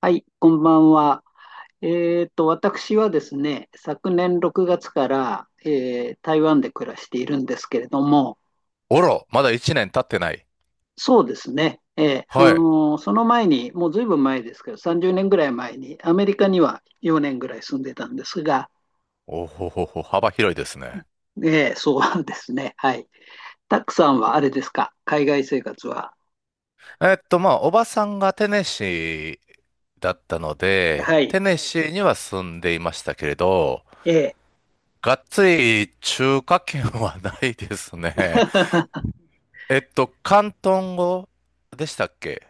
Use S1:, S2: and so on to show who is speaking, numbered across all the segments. S1: はい、こんばんは。私はですね、昨年6月から、台湾で暮らしているんですけれども、
S2: おろ、まだ1年経ってない。
S1: そうですね、
S2: はい。
S1: その前に、もうずいぶん前ですけど、30年ぐらい前に、アメリカには4年ぐらい住んでたんですが、
S2: おほほほ、幅広いですね。
S1: えーそうですね、はい。たくさんはあれですか、海外生活は。
S2: まあ、おばさんがテネシーだったの
S1: は
S2: で、テ
S1: い。
S2: ネシーには住んでいましたけれど、
S1: えー
S2: がっつり中華圏はないですね。広東語でしたっけ？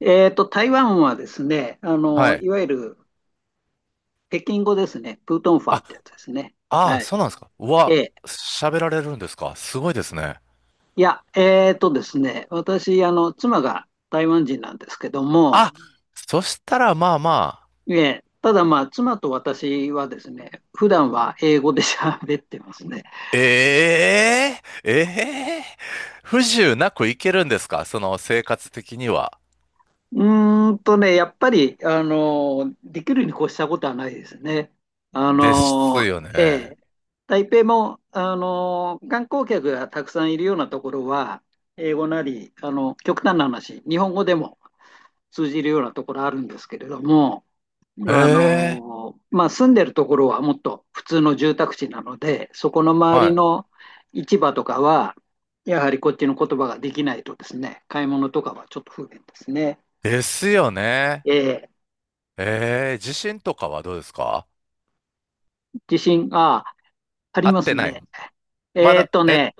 S1: 台湾はですね、あ
S2: は
S1: のい
S2: い。
S1: わゆる北京語ですね、プートンファーってや
S2: あ、
S1: つですね。
S2: ああ、
S1: はい。
S2: そうなんですか。う
S1: え
S2: わ、
S1: え、
S2: 喋られるんですか。すごいですね。
S1: いや、えーとですね、私、妻が台湾人なんですけども、
S2: あ、そしたら
S1: ただまあ、妻と私はですね、普段は英語で喋ってますね。
S2: ええええ不自由なくいけるんですか？その生活的には。
S1: うーんとね、やっぱり、できるに越したことはないですね。あ
S2: です
S1: の、
S2: よ
S1: え
S2: ね。
S1: え台北も、観光客がたくさんいるようなところは、英語なり、極端な話、日本語でも、通じるようなところあるんですけれども、
S2: ええ、
S1: まあ、住んでるところはもっと普通の住宅地なので、そこの周り
S2: は
S1: の市場とかは、やはりこっちの言葉ができないとですね、買い物とかはちょっと不便ですね。
S2: い。ですよね。
S1: え
S2: 地震とかはどうですか？
S1: ー、地震、あ、あり
S2: あっ
S1: ま
S2: て
S1: す
S2: ない。
S1: ね。
S2: ま
S1: えーっ
S2: だ、
S1: とね、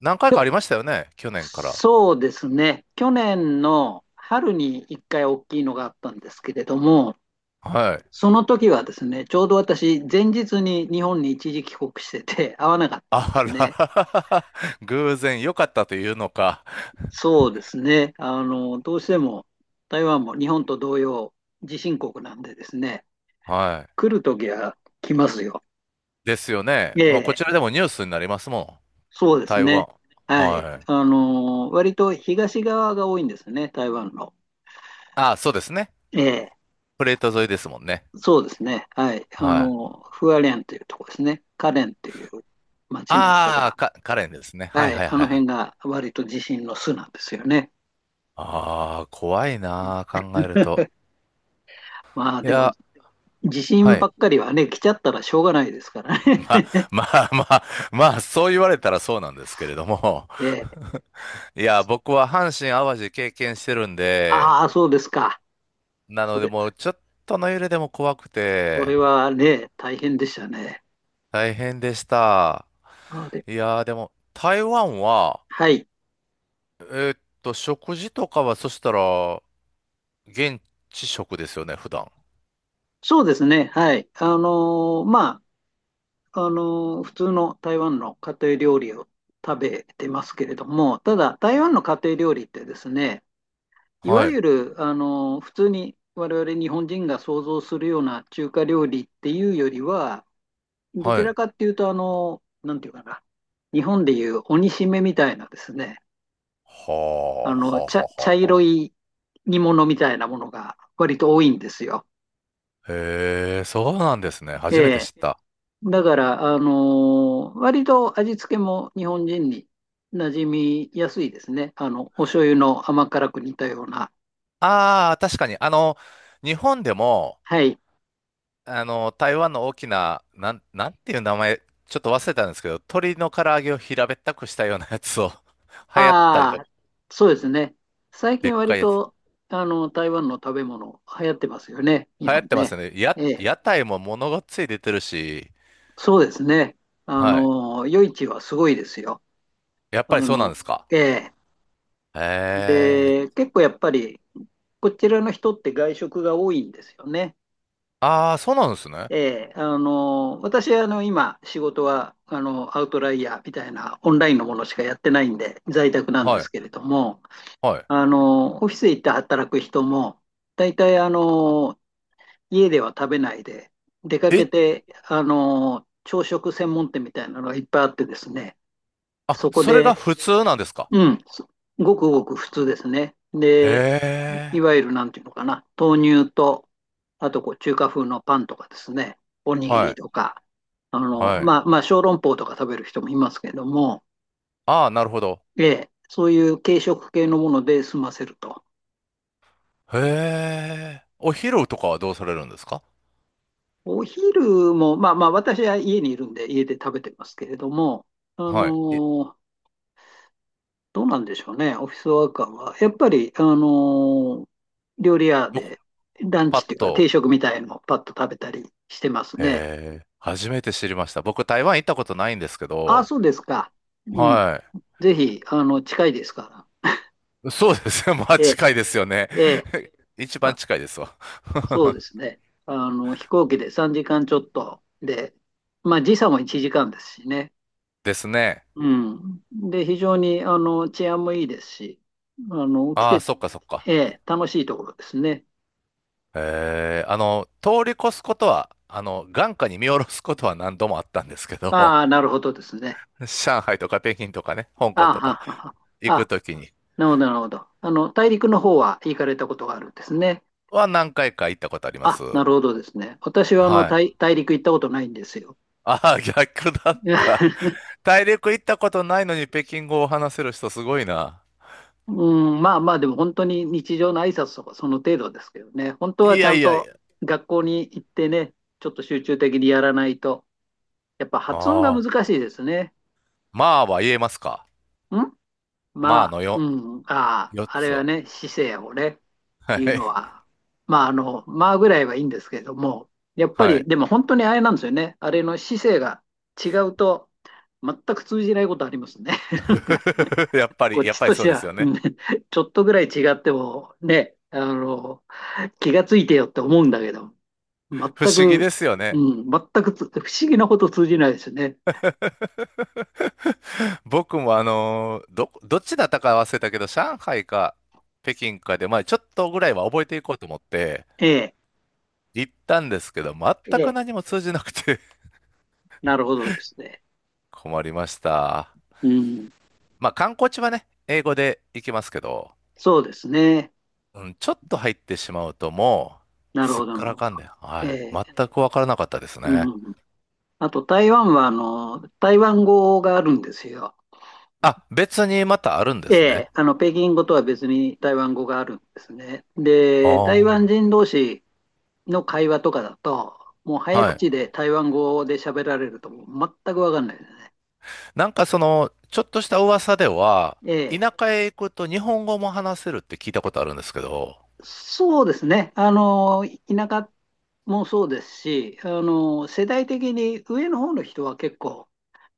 S2: 何回
S1: き
S2: か
S1: ょ
S2: ありましたよね去年から。
S1: そうですね、去年の春に1回大きいのがあったんですけれども、
S2: はい。
S1: その時はですね、ちょうど私、前日に日本に一時帰国してて、会わなかったんで
S2: あ
S1: すね。
S2: ら、偶然良かったというのか。
S1: そうですね、どうしても台湾も日本と同様、地震国なんでですね、
S2: はい。
S1: 来る時は来ますよ。
S2: ですよね。
S1: え
S2: まあこ
S1: え、
S2: ちらでもニュースになりますもん。
S1: そうです
S2: 台湾。
S1: ね。はい。
S2: はい。
S1: 割と東側が多いんですね、台湾の。
S2: あ、そうですね。
S1: ええ、
S2: プレート沿いですもんね。
S1: そうですね。はい。
S2: はい。
S1: フアレンというとこですね。カレンという町なんか
S2: ああ、
S1: が、
S2: カレンですね。は
S1: は
S2: い
S1: い。
S2: はい
S1: あ
S2: は
S1: の
S2: いは
S1: 辺
S2: い。
S1: が割と地震の巣なんですよね。
S2: ああ、怖いなー、考えると。
S1: まあ
S2: い
S1: でも、
S2: や、
S1: 地
S2: は
S1: 震ば
S2: い。
S1: っかりはね、来ちゃったらしょうがないですからね。
S2: まあ、まあまあ、まあ、そう言われたらそうなんですけれども。
S1: ええ、
S2: いや、僕は阪神・淡路経験してるんで、
S1: ああ、そうですか。
S2: な
S1: そ
S2: ので
S1: れ、
S2: もうちょっとの揺れでも怖く
S1: そ
S2: て、
S1: れはね、大変でしたね。
S2: 大変でした。
S1: あで、
S2: いやー、でも、台湾は、
S1: はい。
S2: 食事とかは、そしたら、現地食ですよね、普段。
S1: そうですね。はい。まあ、普通の台湾の家庭料理を食べてますけれども、ただ、台湾の家庭料理ってですね、いわ
S2: はい、
S1: ゆる、普通に我々日本人が想像するような中華料理っていうよりは、ど
S2: は
S1: ちら
S2: い。
S1: かっていうと、なんていうかな、日本でいう鬼しめみたいなですね、
S2: はあ、はあ、はあ、は
S1: 茶
S2: あは
S1: 色い煮物みたいなものが割と多いんですよ。
S2: へえ、そうなんですね。
S1: え
S2: 初めて
S1: え。
S2: 知った。
S1: だから、割と味付けも日本人に馴染みやすいですね。お醤油の甘辛く煮たような。
S2: ああ、確かに。あの、日本でも、
S1: はい。
S2: あの、台湾の大きな、なんていう名前、ちょっと忘れたんですけど、鶏の唐揚げを平べったくしたようなやつを 流行ったり
S1: あ
S2: とか、
S1: あ、そうですね。最
S2: でっ
S1: 近
S2: か
S1: 割
S2: いやつ。
S1: と、台湾の食べ物流行ってますよね、日
S2: 流行っ
S1: 本
S2: てます
S1: ね。
S2: よね。
S1: ええ。
S2: 屋台もものがつい出てるし、
S1: そうですね。
S2: はい。
S1: 夜市はすごいですよ。
S2: やっ
S1: あ
S2: ぱりそうなんで
S1: の、
S2: すか。
S1: ええ。
S2: へ
S1: で、
S2: え。
S1: 結構やっぱり、こちらの人って外食が多いんですよね。
S2: ああ、そうなんですね。
S1: ええ。私、今、仕事は、アウトライヤーみたいなオンラインのものしかやってないんで、在宅なんで
S2: は
S1: す
S2: い。
S1: けれども、
S2: はい。
S1: オフィス行って働く人も、大体、家では食べないで、出かけ
S2: え、
S1: て、朝食専門店みたいなのがいっぱいあってですね、
S2: あ、
S1: そこ
S2: それが
S1: で
S2: 普通なんですか？
S1: うん、すごくごく普通ですね。
S2: へ
S1: で、い
S2: え。
S1: わゆるなんていうのかな、豆乳と、あとこう中華風のパンとかですね、おにぎ
S2: は
S1: り
S2: い。
S1: とか、
S2: はい。
S1: まあ、小籠包とか食べる人もいますけども、
S2: ああ、なるほど。
S1: ええ、そういう軽食系のもので済ませると。
S2: へえ。お昼とかはどうされるんですか？
S1: お昼も、私は家にいるんで、家で食べてますけれども、あ
S2: はい。え、
S1: のどうなんでしょうね、オフィスワーカーは。やっぱり、ー料理屋
S2: 僕、
S1: でラン
S2: パ
S1: チってい
S2: ッ
S1: うか定
S2: と、
S1: 食みたいのをパッと食べたりしてますね。
S2: へえー、初めて知りました。僕、台湾行ったことないんですけ
S1: ああ、
S2: ど、
S1: そうですか。うん。
S2: は
S1: ぜひ、近いですから。
S2: い。そうですね。まあ、
S1: ええ、
S2: 近いですよね。
S1: ええ。
S2: 一番
S1: あ、
S2: 近いですわ。
S1: そうですね。飛行機で3時間ちょっとで、まあ、時差も1時間ですしね。
S2: ですね。
S1: うん。で、非常に、治安もいいですし、あの、来
S2: ああ、
S1: て、
S2: そっかそっか。
S1: ええ、楽しいところですね。
S2: ええ、あの、通り越すことは、あの、眼下に見下ろすことは何度もあったんですけど、
S1: ああ、なるほどですね。
S2: 上海とか北京とかね、香
S1: あ
S2: 港
S1: あ、
S2: と
S1: は
S2: か
S1: はは。
S2: 行く
S1: あ
S2: ときに
S1: なるほど、なるほど。大陸の方は行かれたことがあるんですね。
S2: は何回か行ったことありま
S1: あ、
S2: す。
S1: なるほどですね。私は
S2: はい。
S1: 大陸行ったことないんですよ。
S2: ああ、逆だった。大陸行ったことないのに北京語を話せる人すごいな。
S1: うん、まあまあ、でも本当に日常の挨拶とかその程度ですけどね。本当
S2: い
S1: はちゃ
S2: や
S1: ん
S2: いやい
S1: と
S2: や。
S1: 学校に行ってね、ちょっと集中的にやらないと、やっぱ発音が
S2: ああ、
S1: 難しいですね。
S2: まあは言えますか。
S1: ん
S2: まあ
S1: まあ、
S2: のよ、
S1: うん、ああ、
S2: 4
S1: あ
S2: つ
S1: れは
S2: は。
S1: ね、姿勢をね。
S2: は
S1: いう
S2: い。
S1: のは、まあ、まあぐらいはいいんですけれども、やっぱ
S2: は
S1: り、
S2: い。
S1: でも本当にあれなんですよね。あれの姿勢が違うと、全く通じないことありますね。なんか、
S2: やっぱ
S1: こ
S2: り、
S1: っちとし
S2: そう
S1: て
S2: です
S1: は、
S2: よ
S1: う
S2: ね。
S1: んちょっとぐらい違っても、ね、気がついてよって思うんだけど、全
S2: 不思議
S1: く、
S2: ですよ
S1: う
S2: ね。
S1: ん、全くつ不思議なこと通じないですね。
S2: 僕もどっちだったか忘れたけど、上海か北京かで、まあちょっとぐらいは覚えていこうと思って
S1: ええ、
S2: 行ったんですけど、
S1: え
S2: 全く
S1: え、
S2: 何も通じなくて
S1: なるほどですね。
S2: 困りました。
S1: うん、
S2: まあ観光地はね、英語で行きますけど、
S1: そうですね。
S2: うん、ちょっと入ってしまうともう、
S1: なる
S2: すっ
S1: ほどな
S2: か
S1: る
S2: ら
S1: ほど。
S2: かんで、は
S1: え
S2: い。
S1: え、
S2: 全くわからなかったです
S1: う
S2: ね。
S1: ん。あと台湾はあの台湾語があるんですよ。
S2: あ、別にまたあるんで
S1: え
S2: すね。
S1: え、あの北京語とは別に台湾語があるんですね。
S2: あ
S1: で、台湾
S2: あ、
S1: 人同士の会話とかだと、もう早
S2: はい。
S1: 口で台湾語で喋られるともう全く分かんないですね。
S2: なんかその、ちょっとした噂では、
S1: ええ、
S2: 田舎へ行くと日本語も話せるって聞いたことあるんですけど、
S1: そうですね。田舎もそうですし、世代的に上の方の人は結構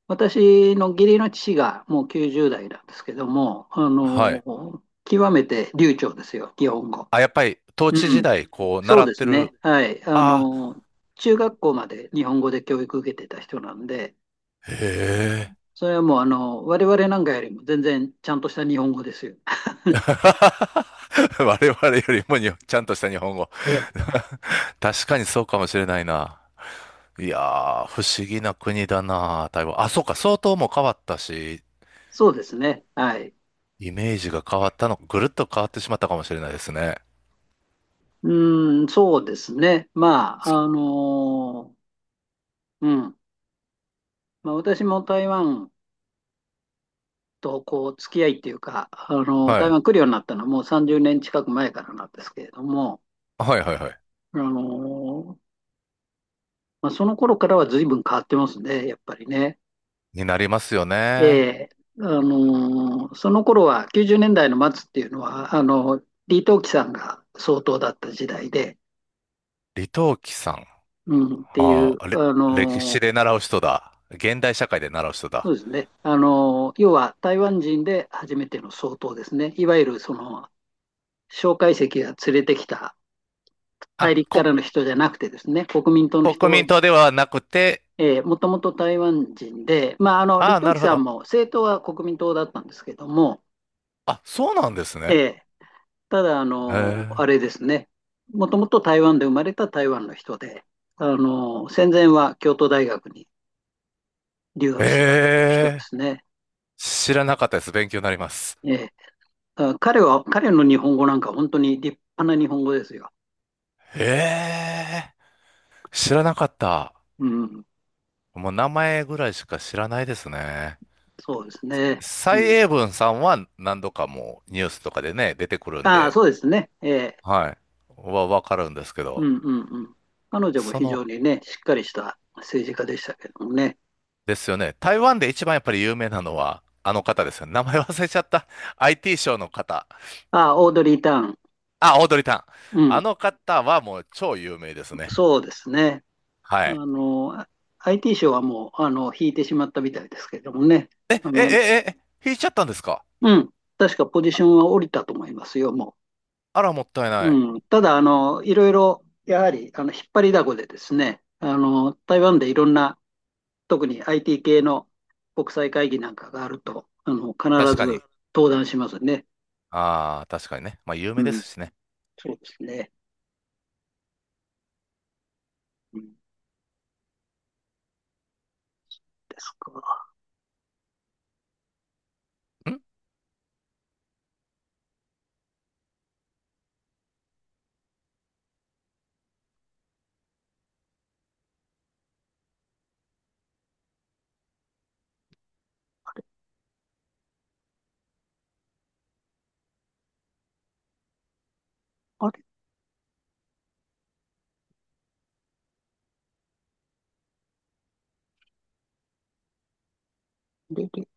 S1: 私の義理の父がもう90代なんですけども、
S2: はい。
S1: 極めて流暢ですよ、日本語。
S2: あ、やっぱり、統
S1: う
S2: 治時
S1: ん、
S2: 代、こう、
S1: そ
S2: 習
S1: う
S2: っ
S1: で
S2: て
S1: すね。
S2: る、
S1: はい。
S2: あ
S1: 中学校まで日本語で教育受けてた人なんで、
S2: あ、へえ。
S1: それはもう、我々なんかよりも全然ちゃんとした日本語ですよ。
S2: 我々よりもにちゃんとした日本語。
S1: ええ、
S2: 確かにそうかもしれないな。いやー、不思議な国だな、台湾。あ、そうか、相当もう変わったし、
S1: そうですね。はい。
S2: イメージが変わったの、ぐるっと変わってしまったかもしれないですね。
S1: うーん、そうですね。まあ、
S2: そ
S1: うん。まあ、私も台湾とこう付き合いっていうか、あの
S2: は
S1: 台
S2: い。
S1: 湾来るようになったのはもう30年近く前からなんですけれども、
S2: はいはいはい。
S1: あのまあ、その頃からは随分変わってますね、やっぱりね。
S2: になりますよ
S1: え
S2: ね。
S1: え、あのその頃は90年代の末っていうのは、あの李登輝さんが総統だった時代で、
S2: 李登輝さん。
S1: うん、ってい
S2: あ
S1: う、
S2: あ、
S1: あ
S2: 歴史
S1: の
S2: で習う人だ。現代社会で習う人
S1: そう
S2: だ。
S1: ですね、あの要は台湾人で初めての総統ですね、いわゆるその蒋介石が連れてきた大
S2: あ、
S1: 陸からの人じゃなくてですね、国民党の
S2: 国
S1: 人、
S2: 民党ではなくて、
S1: えー、もともと台湾人で、まあ、李
S2: ああ、
S1: 登
S2: な
S1: 輝
S2: るほ
S1: さん
S2: ど。
S1: も政党は国民党だったんですけども、
S2: あ、そうなんです
S1: え
S2: ね。
S1: ー、ただ、
S2: へ
S1: あ
S2: え。
S1: れですね、もともと台湾で生まれた台湾の人で、戦前は京都大学に留学してたという人で
S2: ええ、
S1: すね。
S2: 知らなかったです。勉強になります。
S1: えー、彼の日本語なんか本当に立派な日本語ですよ。
S2: ええ、知らなかった。
S1: うん、
S2: もう名前ぐらいしか知らないですね。
S1: そうですね。
S2: 蔡
S1: うん、
S2: 英文さんは何度かもうニュースとかでね、出てくるん
S1: ああ、
S2: で、
S1: そうですね。えー、
S2: はい。わかるんですけ
S1: う
S2: ど、
S1: んうんうん。彼女も
S2: そ
S1: 非
S2: の、
S1: 常にね、しっかりした政治家でしたけどもね。
S2: ですよね。台湾で一番やっぱり有名なのは、あの方ですよね。名前忘れちゃった。IT ショーの方。
S1: あ、オードリー・ターン。
S2: あ、オードリー・タン。
S1: う
S2: あ
S1: ん、
S2: の方はもう超有名ですね。
S1: そうですね。
S2: は
S1: あ
S2: い。
S1: の、あ IT 賞はもう、引いてしまったみたいですけどもね。
S2: え、え、
S1: あ
S2: え、
S1: の、
S2: え、え、引いちゃったんですか？
S1: うん、確かポジションは降りたと思いますよ、も
S2: あら、もったいない。
S1: う。うん、ただ、いろいろ、やはり、引っ張りだこでですね、台湾でいろんな、特に IT 系の国際会議なんかがあると、必
S2: 確か
S1: ず
S2: に。
S1: 登壇しますね。
S2: ああ、確かにね。まあ、有
S1: う
S2: 名で
S1: ん、
S2: すしね。
S1: そうですね。うんですか。
S2: ん
S1: あれ、レデ